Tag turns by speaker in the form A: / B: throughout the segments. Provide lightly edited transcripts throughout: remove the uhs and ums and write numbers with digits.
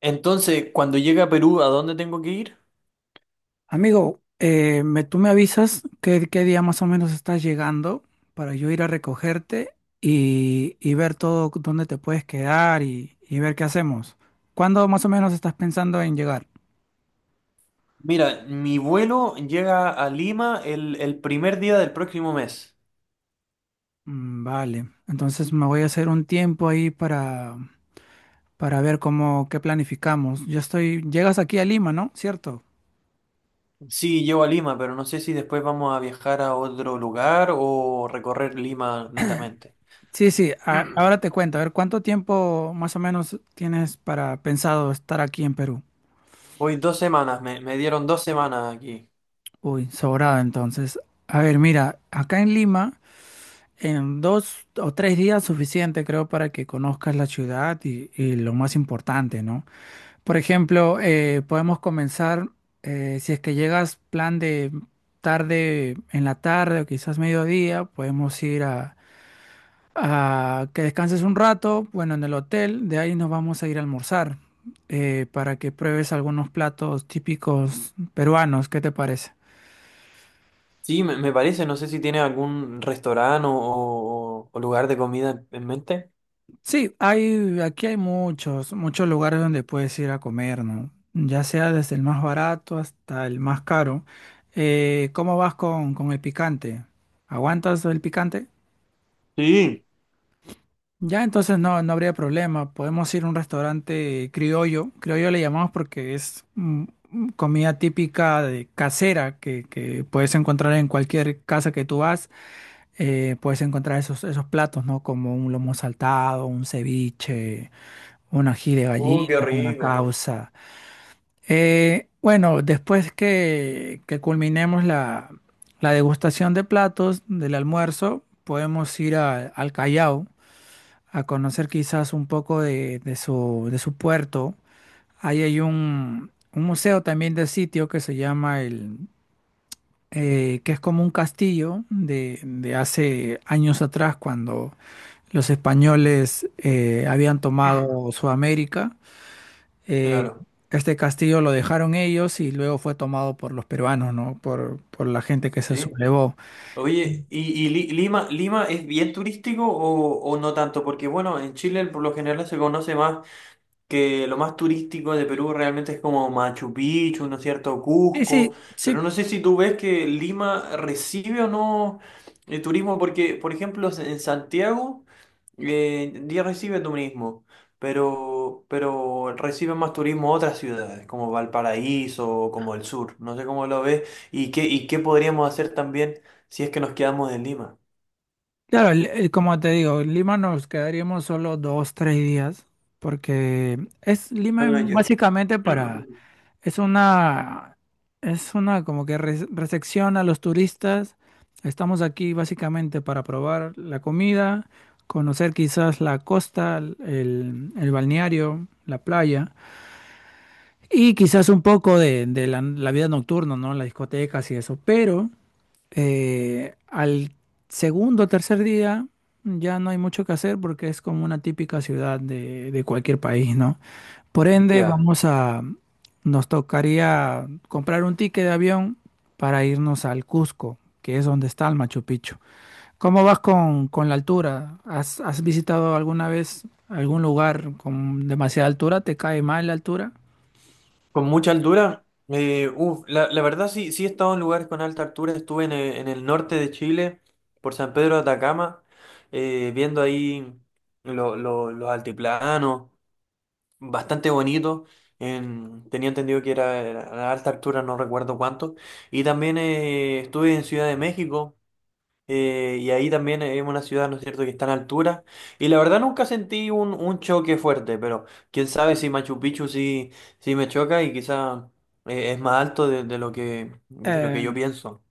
A: Entonces, cuando llegue a Perú, ¿a dónde tengo que ir?
B: Amigo, tú me avisas qué día más o menos estás llegando para yo ir a recogerte y ver todo dónde te puedes quedar y ver qué hacemos. ¿Cuándo más o menos estás pensando en llegar?
A: Mira, mi vuelo llega a Lima el primer día del próximo mes.
B: Mm, vale, entonces me voy a hacer un tiempo ahí para ver cómo, qué planificamos. Llegas aquí a Lima, ¿no? ¿Cierto?
A: Sí, llego a Lima, pero no sé si después vamos a viajar a otro lugar o recorrer Lima netamente.
B: Sí, sí, ahora te cuento. A ver, ¿cuánto tiempo más o menos tienes para pensado estar aquí en Perú?
A: Voy 2 semanas, me dieron 2 semanas aquí.
B: Uy, sobrado entonces. A ver, mira, acá en Lima, en 2 o 3 días suficiente creo para que conozcas la ciudad y lo más importante, ¿no? Por ejemplo, podemos comenzar, si es que llegas plan de tarde en la tarde o quizás mediodía, podemos ir a que descanses un rato, bueno, en el hotel, de ahí nos vamos a ir a almorzar para que pruebes algunos platos típicos peruanos, ¿qué te parece?
A: Sí, me parece, no sé si tiene algún restaurante o lugar de comida en mente.
B: Sí, aquí hay muchos lugares donde puedes ir a comer, ¿no? Ya sea desde el más barato hasta el más caro. ¿Cómo vas con el picante? ¿Aguantas el picante?
A: Sí.
B: Ya, entonces no, no habría problema. Podemos ir a un restaurante criollo. Criollo le llamamos porque es comida típica de casera que puedes encontrar en cualquier casa que tú vas. Puedes encontrar esos platos, ¿no? Como un lomo saltado, un ceviche un ají de
A: Qué
B: gallina, una
A: rico.
B: causa. Bueno, después que culminemos la degustación de platos del almuerzo, podemos ir al Callao a conocer quizás un poco de su puerto. Ahí hay un museo también de sitio que se llama que es como un castillo de hace años atrás cuando los españoles habían tomado Sudamérica. Eh,
A: Claro.
B: este castillo lo dejaron ellos y luego fue tomado por los peruanos, ¿no? Por la gente que se
A: Sí.
B: sublevó.
A: Oye, ¿y Lima es bien turístico o no tanto? Porque bueno, en Chile por lo general se conoce más que lo más turístico de Perú realmente es como Machu Picchu, ¿no es cierto?
B: Sí,
A: Cusco,
B: sí, sí,
A: pero no sé si tú ves que Lima recibe o no el turismo, porque, por ejemplo, en Santiago ya recibe turismo, pero reciben más turismo otras ciudades, como Valparaíso o como el sur, no sé cómo lo ves, y qué podríamos hacer también si es que nos quedamos en Lima.
B: claro, como te digo, en Lima nos quedaríamos solo dos, tres días, porque es Lima es
A: Ah, ya.
B: básicamente es una, es una como que recepción a los turistas. Estamos aquí básicamente para probar la comida, conocer quizás la costa, el balneario, la playa. Y quizás un poco de la vida nocturna, ¿no? Las discotecas y eso. Pero al segundo o tercer día ya no hay mucho que hacer porque es como una típica ciudad de cualquier país, ¿no? Por ende,
A: Ya.
B: nos tocaría comprar un ticket de avión para irnos al Cusco, que es donde está el Machu Picchu. ¿Cómo vas con la altura? Has visitado alguna vez algún lugar con demasiada altura? ¿Te cae mal la altura?
A: Con mucha altura, uf, la verdad sí, sí he estado en lugares con alta altura, estuve en el norte de Chile, por San Pedro de Atacama, viendo ahí los altiplanos, bastante bonito, tenía entendido que era a alta altura, no recuerdo cuánto, y también estuve en Ciudad de México, y ahí también es una ciudad, ¿no es cierto?, que está en altura. Y la verdad nunca sentí un choque fuerte, pero quién sabe si Machu Picchu sí, sí me choca y quizá es más alto de lo que yo
B: Eh,
A: pienso.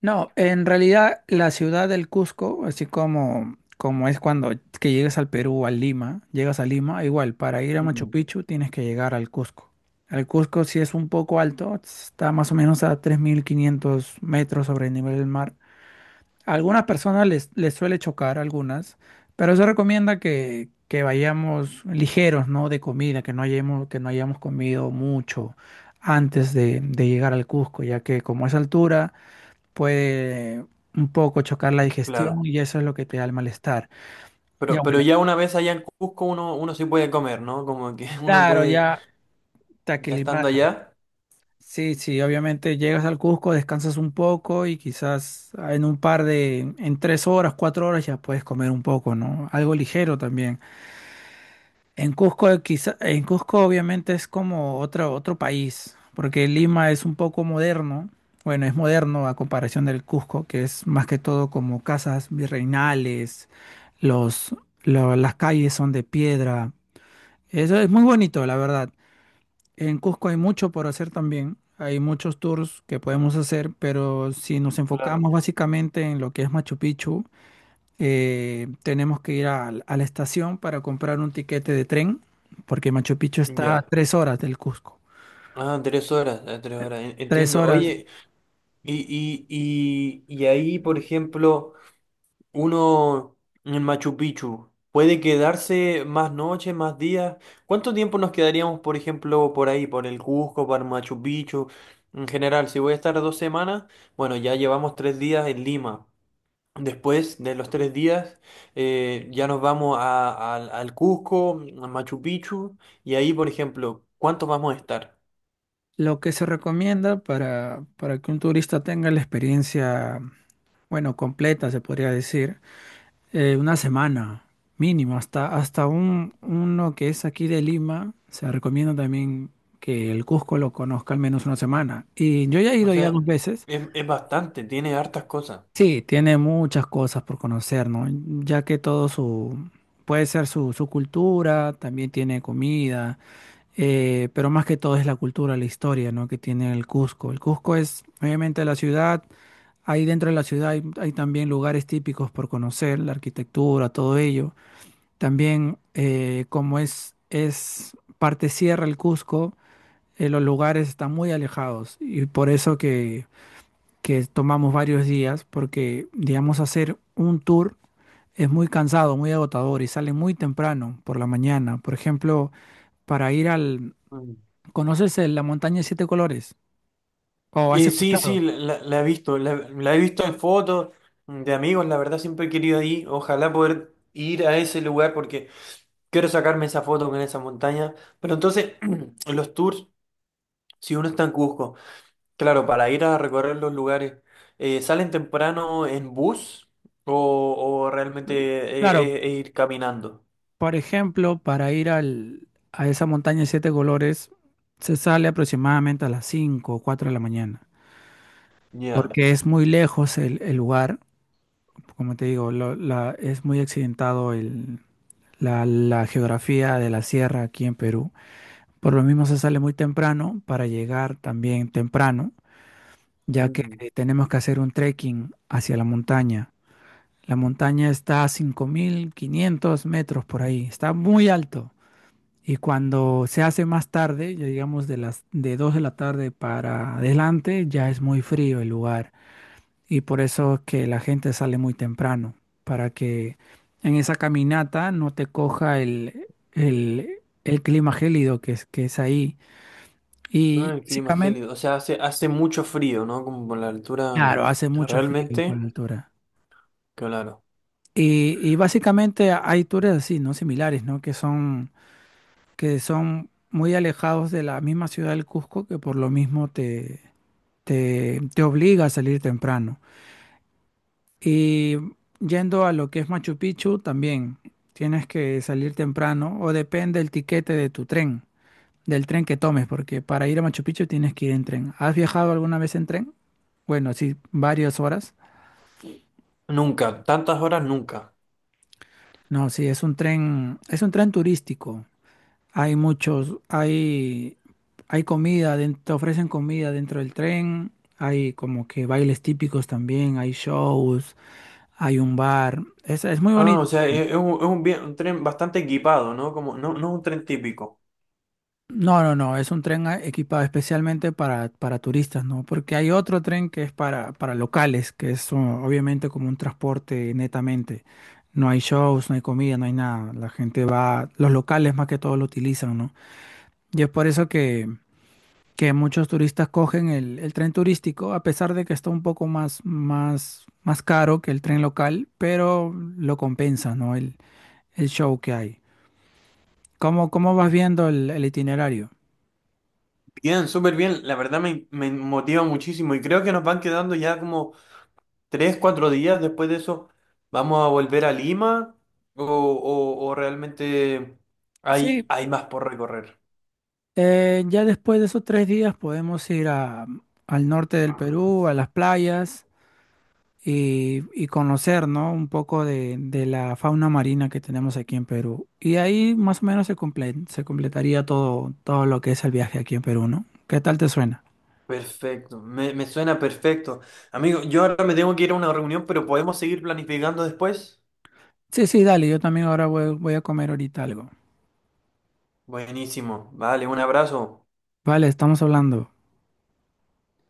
B: No, en realidad la ciudad del Cusco, así como es cuando que llegas al Perú, a Lima, llegas a Lima, igual, para ir a Machu
A: Mm.
B: Picchu tienes que llegar al Cusco. El Cusco sí es un poco alto, está más o menos a 3.500 metros sobre el nivel del mar. A algunas personas les suele chocar, algunas, pero se recomienda que vayamos ligeros, ¿no? De comida, que no hayamos comido mucho antes de llegar al Cusco, ya que como es altura puede un poco chocar la
A: Claro.
B: digestión y eso es lo que te da el malestar. Ya
A: Pero
B: bueno,
A: ya una vez allá en Cusco uno sí puede comer, ¿no? Como que uno
B: claro,
A: puede,
B: ya te
A: ya estando
B: aclimatas.
A: allá.
B: Sí, sí, obviamente llegas al Cusco, descansas un poco y quizás en en 3 horas, 4 horas ya puedes comer un poco, ¿no? Algo ligero también. En Cusco, quizá, en Cusco obviamente es como otro país, porque Lima es un poco moderno, bueno, es moderno a comparación del Cusco, que es más que todo como casas virreinales, los, las calles son de piedra, eso es muy bonito, la verdad. En Cusco hay mucho por hacer también, hay muchos tours que podemos hacer, pero si nos
A: Claro.
B: enfocamos básicamente en lo que es Machu Picchu, tenemos que ir la estación para comprar un tiquete de tren, porque Machu Picchu está a
A: Ya.
B: 3 horas del Cusco.
A: Ah, 3 horas, 3 horas,
B: Tres
A: entiendo.
B: horas.
A: Oye, y, y ahí, por ejemplo... Uno en Machu Picchu puede quedarse más noches, más días. ¿Cuánto tiempo nos quedaríamos, por ejemplo, por ahí, por el Cusco, por Machu Picchu? En general, si voy a estar 2 semanas, bueno, ya llevamos 3 días en Lima. Después de los 3 días, ya nos vamos al Cusco, a Machu Picchu, y ahí, por ejemplo, ¿cuánto vamos a estar?
B: Lo que se recomienda para que un turista tenga la experiencia, bueno, completa, se podría decir, una semana mínimo, hasta uno que es aquí de Lima, se recomienda también que el Cusco lo conozca al menos una semana. Y yo ya he
A: O
B: ido ya
A: sea,
B: dos veces.
A: es bastante, tiene hartas cosas.
B: Sí, tiene muchas cosas por conocer, ¿no? Ya que puede ser su cultura, también tiene comida, pero más que todo es la cultura, la historia, ¿no? Que tiene el Cusco. El Cusco es, obviamente, la ciudad, ahí dentro de la ciudad hay también lugares típicos por conocer, la arquitectura, todo ello. También, como es parte sierra el Cusco, los lugares están muy alejados y por eso que tomamos varios días porque, digamos, hacer un tour es muy cansado, muy agotador y sale muy temprano por la mañana. Por ejemplo, para ir ¿Conoces la montaña de siete colores? ¿O has
A: Y sí, sí,
B: escuchado?
A: la he visto, la he visto en fotos de amigos, la verdad siempre he querido ir, ojalá poder ir a ese lugar porque quiero sacarme esa foto con esa montaña. Pero entonces, los tours, si uno está en Cusco, claro, para ir a recorrer los lugares, ¿salen temprano en bus o, o realmente
B: Claro,
A: ir caminando?
B: por ejemplo, para ir a esa montaña de siete colores se sale aproximadamente a las 5 o 4 de la mañana,
A: Ya.
B: porque es muy lejos el lugar, como te digo, es muy accidentado la geografía de la sierra aquí en Perú. Por lo mismo se sale muy temprano para llegar también temprano, ya que
A: Mm.
B: tenemos que hacer un trekking hacia la montaña. La montaña está a 5.500 metros por ahí, está muy alto. Y cuando se hace más tarde, ya digamos de 2 de la tarde para adelante, ya es muy frío el lugar. Y por eso es que la gente sale muy temprano, para que en esa caminata no te coja el clima gélido que es ahí
A: Ah,
B: y
A: el clima es
B: básicamente,
A: gélido, o sea, hace mucho frío, ¿no? Como por la altura,
B: claro, hace mucho frío por
A: realmente,
B: la altura.
A: claro.
B: Y básicamente hay tours así, ¿no? Similares, ¿no? Que son muy alejados de la misma ciudad del Cusco, que por lo mismo te obliga a salir temprano. Y yendo a lo que es Machu Picchu, también tienes que salir temprano, o depende del tiquete de tu tren, del tren que tomes, porque para ir a Machu Picchu tienes que ir en tren. ¿Has viajado alguna vez en tren? Bueno, sí, varias horas.
A: Nunca, tantas horas nunca.
B: No, sí, es un tren turístico. Hay muchos, hay comida, te ofrecen comida dentro del tren, hay como que bailes típicos también, hay shows, hay un bar. Es muy
A: Ah, o
B: bonito.
A: sea, es un tren bastante equipado, ¿no? Como, no, no es un tren típico.
B: No, no, no, es un tren equipado especialmente para turistas, ¿no? Porque hay otro tren que es para locales, que es obviamente como un transporte netamente. No hay shows, no hay comida, no hay nada. La gente va, los locales más que todo lo utilizan, ¿no? Y es por eso que muchos turistas cogen el tren turístico, a pesar de que está un poco más, más, más caro que el tren local, pero lo compensa, ¿no? El show que hay. Cómo vas viendo el itinerario?
A: Bien, súper bien, la verdad me motiva muchísimo y creo que nos van quedando ya como 3, 4 días después de eso. ¿Vamos a volver a Lima o realmente hay,
B: Sí,
A: hay más por recorrer?
B: ya después de esos 3 días podemos ir al norte del Perú, a las playas y conocer, ¿no? Un poco de la fauna marina que tenemos aquí en Perú. Y ahí más o menos se completaría todo, todo lo que es el viaje aquí en Perú, ¿no? ¿Qué tal te suena?
A: Perfecto, me suena perfecto. Amigo, yo ahora me tengo que ir a una reunión, pero podemos seguir planificando después.
B: Sí, sí, dale, yo también ahora voy a comer ahorita algo.
A: Buenísimo, vale, un abrazo.
B: Vale, estamos hablando.